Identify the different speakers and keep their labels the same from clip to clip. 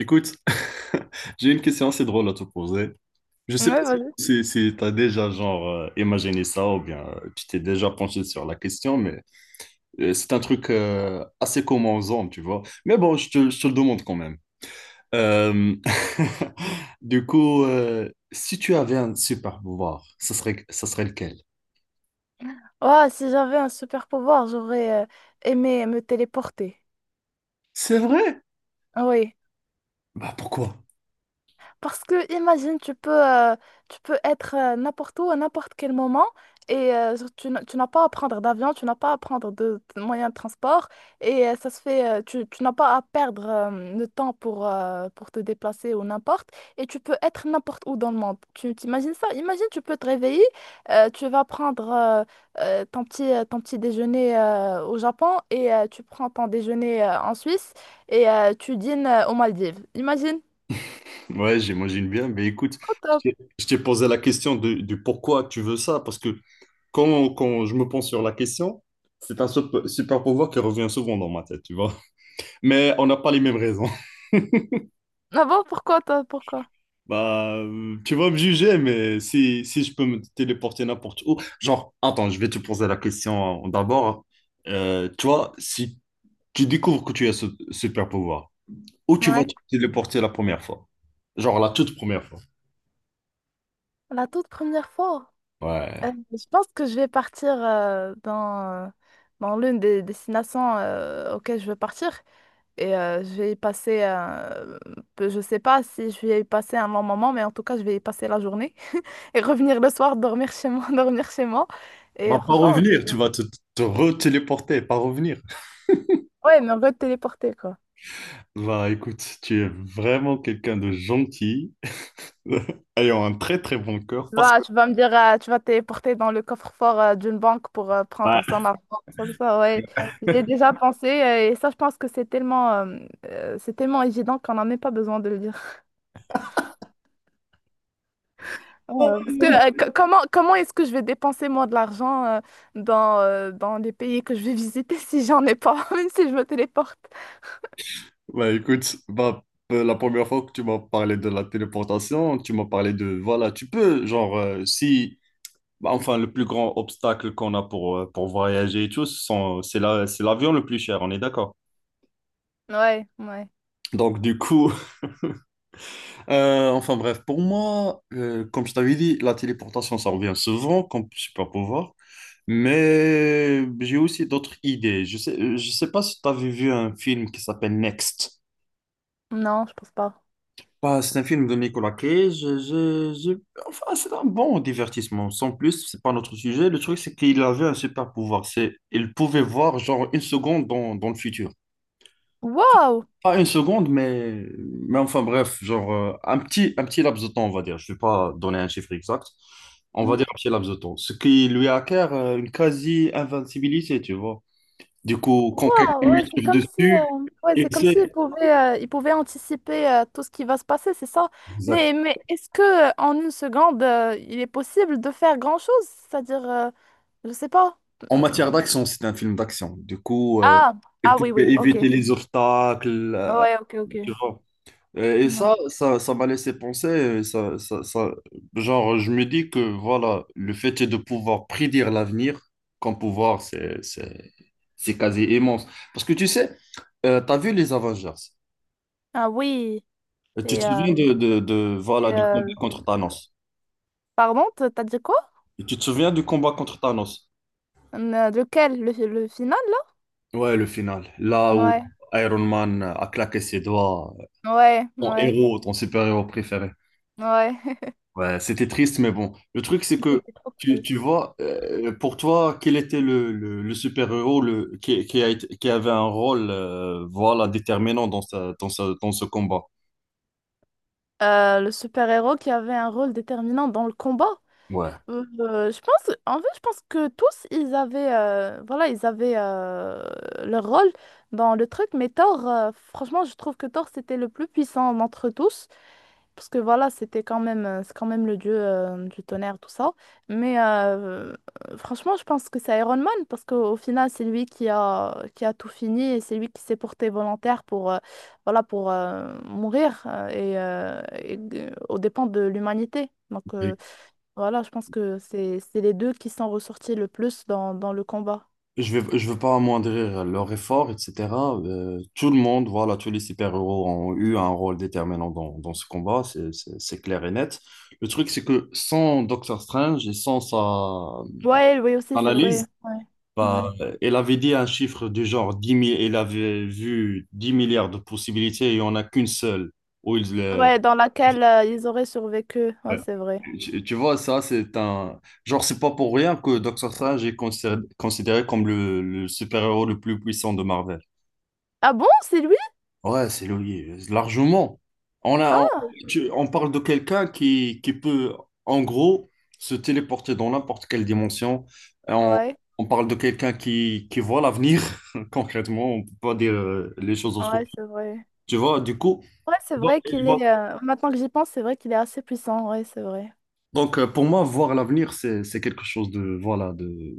Speaker 1: Écoute, j'ai une question assez drôle à te poser. Je sais pas
Speaker 2: Ouais, vas-y.
Speaker 1: si, tu as déjà genre imaginé ça ou bien tu t'es déjà penché sur la question, mais c'est un truc assez commun aux hommes, tu vois. Mais bon, je te le demande quand même. Euh, du coup, si tu avais un super pouvoir, ça serait lequel?
Speaker 2: Ouah, si j'avais un super pouvoir, j'aurais aimé me téléporter.
Speaker 1: C'est vrai?
Speaker 2: Ah oui,
Speaker 1: Bah, pourquoi?
Speaker 2: parce que imagine, tu peux être n'importe où à n'importe quel moment et tu n'as pas à prendre d'avion, tu n'as pas à prendre de moyens de transport et ça se fait, tu, tu n'as pas à perdre le temps pour te déplacer ou n'importe, et tu peux être n'importe où dans le monde. Tu t'imagines ça? Imagine, tu peux te réveiller, tu vas prendre ton petit déjeuner au Japon et tu prends ton déjeuner en Suisse et tu dînes aux Maldives. Imagine.
Speaker 1: Ouais, j'imagine bien, mais écoute,
Speaker 2: Trop
Speaker 1: je
Speaker 2: top.
Speaker 1: t'ai je t'ai posé la question du pourquoi tu veux ça, parce que quand je me pense sur la question, c'est un super pouvoir qui revient souvent dans ma tête, tu vois. Mais on n'a pas les mêmes raisons.
Speaker 2: Ah bon, pourquoi toi, pourquoi?
Speaker 1: Bah, tu vas me juger, mais si je peux me téléporter n'importe où, genre, attends, je vais te poser la question d'abord, hein. Tu vois, si tu découvres que tu as ce super pouvoir, où tu vas
Speaker 2: Ouais.
Speaker 1: te téléporter la première fois? Genre la toute première fois.
Speaker 2: La toute première fois,
Speaker 1: Ouais.
Speaker 2: je pense que je vais partir dans l'une des destinations auxquelles je veux partir. Et je vais y passer, je sais pas si je vais y passer un long moment, mais en tout cas, je vais y passer la journée. Et revenir le soir, dormir chez moi, dormir chez moi. Et
Speaker 1: Bah, pas
Speaker 2: franchement,
Speaker 1: revenir, tu vas te re-téléporter, pas revenir.
Speaker 2: ouais, mais on veut téléporter, quoi.
Speaker 1: Bah, écoute, tu es vraiment quelqu'un de gentil, ayant un très très bon cœur. Parce que,
Speaker 2: Tu vas me dire, tu vas te téléporter dans le coffre-fort d'une banque pour
Speaker 1: ouais,
Speaker 2: prendre son argent. Ça, ouais. J'ai déjà pensé et ça, je pense que c'est tellement évident qu'on n'en a même pas besoin de le dire. Parce que comment, comment est-ce que je vais dépenser moi de l'argent dans les pays que je vais visiter si j'en ai pas, même si je me téléporte?
Speaker 1: bah écoute, bah, la première fois que tu m'as parlé de la téléportation, tu m'as parlé voilà, tu peux, genre, si, bah, enfin, le plus grand obstacle qu'on a pour voyager et tout, c'est l'avion le plus cher, on est d'accord.
Speaker 2: Ouais, ouais.
Speaker 1: Donc, du coup, enfin bref, pour moi, comme je t'avais dit, la téléportation, ça revient souvent comme super pouvoir. Mais j'ai aussi d'autres idées. Je sais pas si tu avais vu un film qui s'appelle Next.
Speaker 2: Non, je pense pas.
Speaker 1: Bah, c'est un film de Nicolas Cage. Enfin, c'est un bon divertissement. Sans plus, c'est pas notre sujet. Le truc, c'est qu'il avait un super pouvoir. Il pouvait voir genre une seconde dans le futur.
Speaker 2: Waouh!
Speaker 1: Pas une seconde, mais enfin bref, genre un petit laps de temps, on va dire. Je vais pas donner un chiffre exact. On va dire un petit laps de temps. Ce qui lui acquiert une quasi-invincibilité, tu vois. Du coup, quand quelqu'un
Speaker 2: Wow,
Speaker 1: lui
Speaker 2: ouais, c'est
Speaker 1: tire
Speaker 2: comme si,
Speaker 1: dessus,
Speaker 2: ouais, c'est
Speaker 1: il
Speaker 2: comme s'ils
Speaker 1: sait.
Speaker 2: pouvaient, ils pouvaient anticiper tout ce qui va se passer, c'est ça.
Speaker 1: Exactement.
Speaker 2: Mais est-ce que en une seconde, il est possible de faire grand-chose? C'est-à-dire, je sais pas.
Speaker 1: En matière
Speaker 2: Hmm.
Speaker 1: d'action, c'est un film d'action. Du coup,
Speaker 2: Ah,
Speaker 1: il
Speaker 2: ah oui,
Speaker 1: pouvait
Speaker 2: oui, ok.
Speaker 1: éviter les obstacles,
Speaker 2: Ouais, ok, ok.
Speaker 1: tu vois. Et
Speaker 2: Ouais.
Speaker 1: ça m'a laissé penser, genre, je me dis que, voilà, le fait de pouvoir prédire l'avenir, comme pouvoir, c'est quasi immense. Parce que tu sais, t'as vu les Avengers,
Speaker 2: Ah oui,
Speaker 1: et tu
Speaker 2: c'est,
Speaker 1: te
Speaker 2: euh,
Speaker 1: souviens voilà,
Speaker 2: c'est,
Speaker 1: du combat contre Thanos.
Speaker 2: pardon, t'as dit quoi?
Speaker 1: Et tu te souviens du combat contre Thanos?
Speaker 2: Lequel? Le, le final, là?
Speaker 1: Ouais, le final, là où
Speaker 2: Ouais,
Speaker 1: Iron Man a claqué ses doigts.
Speaker 2: ouais,
Speaker 1: Ton
Speaker 2: ouais,
Speaker 1: héros, ton super-héros préféré.
Speaker 2: ouais.
Speaker 1: Ouais, c'était triste, mais bon. Le truc, c'est que
Speaker 2: C'était trop
Speaker 1: tu
Speaker 2: triste.
Speaker 1: vois, pour toi, quel était le, super-héros le, qui, a été- qui avait un rôle voilà, déterminant dans ce combat?
Speaker 2: Le super-héros qui avait un rôle déterminant dans le combat.
Speaker 1: Ouais.
Speaker 2: Je pense, en fait, je pense que tous, ils avaient, voilà, ils avaient leur rôle dans le truc, mais Thor, franchement, je trouve que Thor, c'était le plus puissant d'entre tous, parce que voilà, c'était quand même, c'est quand même le dieu du tonnerre, tout ça. Mais franchement, je pense que c'est Iron Man, parce qu'au au final, c'est lui qui a tout fini, et c'est lui qui s'est porté volontaire pour, voilà, pour mourir, et, aux dépens de l'humanité. Donc, voilà, je pense que c'est les deux qui sont ressortis le plus dans, dans le combat.
Speaker 1: Et je veux pas amoindrir leur effort, etc. Tout le monde, voilà, tous les super-héros ont eu un rôle déterminant dans ce combat, c'est clair et net. Le truc, c'est que sans Doctor Strange et sans sa
Speaker 2: Ouais, oui aussi, c'est vrai.
Speaker 1: analyse,
Speaker 2: Ouais. Ouais.
Speaker 1: bah, elle avait dit un chiffre du genre dix 000, elle avait vu 10 milliards de possibilités et il n'y en a qu'une seule. Où ils,
Speaker 2: Ouais, dans laquelle ils auraient survécu. Ouais,
Speaker 1: ouais.
Speaker 2: c'est vrai.
Speaker 1: Tu vois, ça, c'est un. Genre, c'est pas pour rien que Doctor Strange est considéré comme le super-héros le plus puissant de Marvel.
Speaker 2: Ah bon, c'est lui?
Speaker 1: Ouais, c'est Louis, largement. On a, on,
Speaker 2: Hein.
Speaker 1: tu- on parle de quelqu'un qui peut, en gros, se téléporter dans n'importe quelle dimension. Et
Speaker 2: Ouais,
Speaker 1: on parle de quelqu'un qui voit l'avenir, concrètement. On ne peut pas dire les choses autrement.
Speaker 2: ouais, c'est vrai.
Speaker 1: Tu vois, du coup,
Speaker 2: Ouais, c'est
Speaker 1: il va-
Speaker 2: vrai
Speaker 1: il
Speaker 2: qu'il
Speaker 1: va-
Speaker 2: est. Maintenant que j'y pense, c'est vrai qu'il est assez puissant. Ouais, c'est vrai.
Speaker 1: donc pour moi, voir l'avenir, c'est quelque chose de, voilà, de.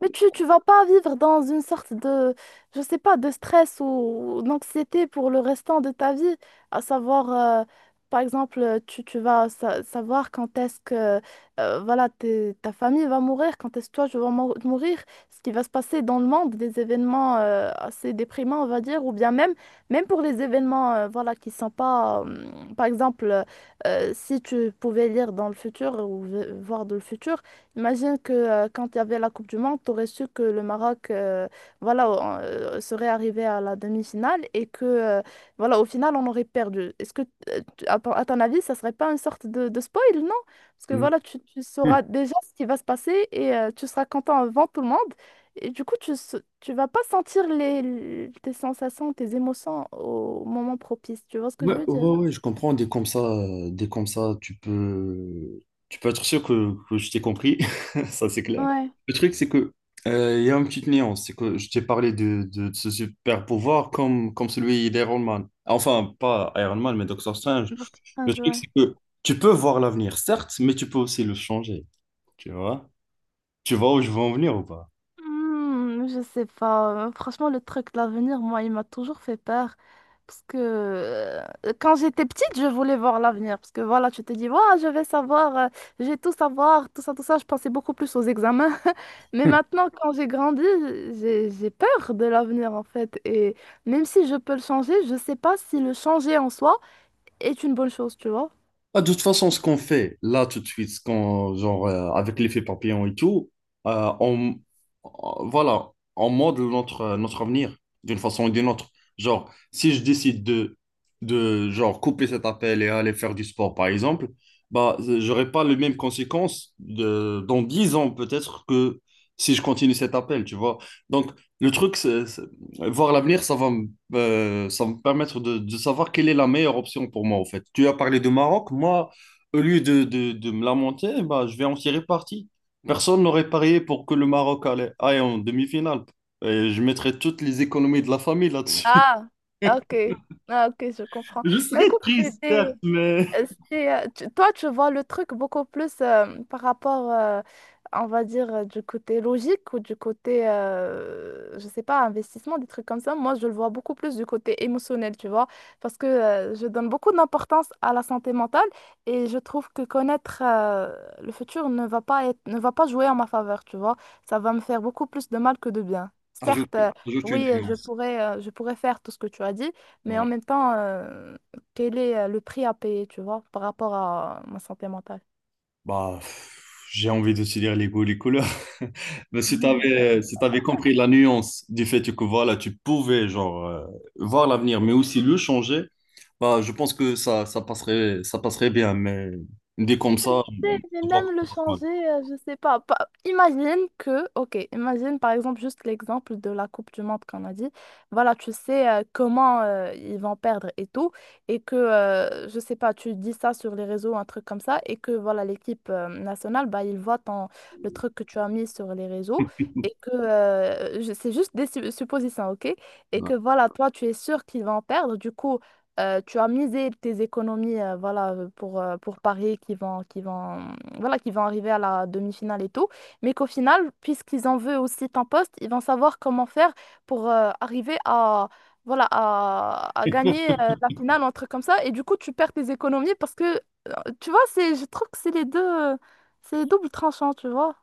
Speaker 2: Mais tu vas pas vivre dans une sorte de, je sais pas, de stress ou d'anxiété pour le restant de ta vie. À savoir, euh, par exemple, tu vas savoir quand est-ce que voilà, ta famille va mourir, quand est-ce que toi, je vais mourir, ce qui va se passer dans le monde, des événements assez déprimants, on va dire, ou bien même, même pour les événements voilà, qui sont pas, par exemple, si tu pouvais lire dans le futur ou voir dans le futur. Imagine que quand il y avait la Coupe du Monde, tu aurais su que le Maroc voilà, serait arrivé à la demi-finale et que voilà, au final, on aurait perdu. Est-ce que, à ton avis, ça serait pas une sorte de spoil, non? Parce que voilà, tu sauras déjà ce qui va se passer et tu seras content avant tout le monde. Et du coup, tu, tu vas pas sentir les, tes sensations, tes émotions au moment propice. Tu vois ce que
Speaker 1: Ouais,
Speaker 2: je veux dire?
Speaker 1: ouais, ouais, je comprends. Dès comme ça, tu peux être sûr que je t'ai compris. Ça, c'est clair.
Speaker 2: Ouais,
Speaker 1: Le truc, c'est que il y a une petite nuance. C'est que je t'ai parlé de ce super pouvoir comme celui d'Iron Man. Enfin, pas Iron Man, mais Doctor Strange. Le
Speaker 2: importante,
Speaker 1: truc,
Speaker 2: ouais.
Speaker 1: c'est que tu peux voir l'avenir, certes, mais tu peux aussi le changer. Tu vois? Tu vois où je veux en venir ou pas?
Speaker 2: Hmm, je sais pas. Franchement, le truc de l'avenir, moi, il m'a toujours fait peur. Parce que quand j'étais petite, je voulais voir l'avenir. Parce que voilà, tu te dis, ouah, je vais savoir, je vais tout savoir, tout ça, tout ça. Je pensais beaucoup plus aux examens. Mais maintenant, quand j'ai grandi, j'ai peur de l'avenir, en fait. Et même si je peux le changer, je sais pas si le changer en soi est une bonne chose, tu vois.
Speaker 1: Ah, de toute façon, ce qu'on fait là tout de suite, genre, avec l'effet papillon et tout, euh, on, voilà, on modèle notre avenir d'une façon ou d'une autre. Genre, si je décide de genre, couper cet appel et aller faire du sport, par exemple, bah, j'aurai pas les mêmes conséquences dans 10 ans peut-être que si je continue cet appel, tu vois. Donc, le truc, c'est voir l'avenir, ça va me permettre de savoir quelle est la meilleure option pour moi, en fait. Tu as parlé de Maroc, moi, au lieu de me lamenter, bah, je vais en tirer parti. Personne n'aurait parié pour que le Maroc aille en demi-finale. Et je mettrais toutes les économies de la famille là-dessus.
Speaker 2: Ah, ok. Ah, ok, je comprends.
Speaker 1: Je
Speaker 2: Bah,
Speaker 1: serais
Speaker 2: écoute,
Speaker 1: triste,
Speaker 2: c'était.
Speaker 1: certes, mais...
Speaker 2: C'est, toi, tu vois le truc beaucoup plus par rapport, on va dire, du côté logique ou du côté, je sais pas, investissement, des trucs comme ça. Moi, je le vois beaucoup plus du côté émotionnel, tu vois, parce que je donne beaucoup d'importance à la santé mentale et je trouve que connaître le futur ne va pas être, ne va pas jouer en ma faveur, tu vois. Ça va me faire beaucoup plus de mal que de bien.
Speaker 1: Ajoute,
Speaker 2: Certes,
Speaker 1: ajoute une
Speaker 2: oui,
Speaker 1: nuance.
Speaker 2: je pourrais faire tout ce que tu as dit, mais en
Speaker 1: Ouais.
Speaker 2: même temps… quel est le prix à payer, tu vois, par rapport à ma santé mentale.
Speaker 1: Bah, pff, j'ai envie de te dire les goûts, les couleurs. Mais si tu avais, si t'avais compris la nuance du fait que voilà, tu pouvais genre voir l'avenir, mais aussi le changer, bah, je pense que ça passerait, ça passerait, bien. Mais dit comme ça,
Speaker 2: Mais
Speaker 1: je crois que
Speaker 2: même le
Speaker 1: ça passe mal.
Speaker 2: changer, je sais pas, imagine que, ok, imagine par exemple juste l'exemple de la Coupe du Monde qu'on a dit. Voilà, tu sais comment ils vont perdre et tout, et que, je sais pas, tu dis ça sur les réseaux, un truc comme ça, et que voilà, l'équipe nationale, bah, ils voient le truc que tu as mis sur les réseaux, et que c'est juste des suppositions, ok? Et
Speaker 1: Ouais.
Speaker 2: que voilà, toi, tu es sûr qu'ils vont perdre, du coup, tu as misé tes économies voilà, pour Paris qui vont, mm, voilà, qui vont arriver à la demi-finale et tout, mais qu'au final, puisqu'ils en veulent aussi ton poste, ils vont savoir comment faire pour arriver à, voilà, à gagner la finale, un truc comme ça, et du coup, tu perds tes économies parce que, euh, tu vois, c'est, je trouve que c'est les deux, euh, c'est double tranchant, tu vois.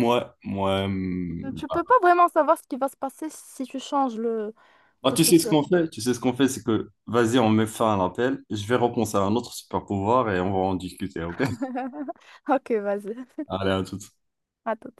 Speaker 1: Moi,
Speaker 2: Tu peux pas vraiment savoir ce qui va se passer si tu changes
Speaker 1: ah,
Speaker 2: le
Speaker 1: tu sais ce
Speaker 2: futur.
Speaker 1: qu'on fait? Tu sais ce qu'on fait, c'est que vas-y, on met fin à l'appel. Je vais repenser à un autre super pouvoir et on va en discuter, ok?
Speaker 2: Ok, vas-y.
Speaker 1: Allez, à tout.
Speaker 2: À tout.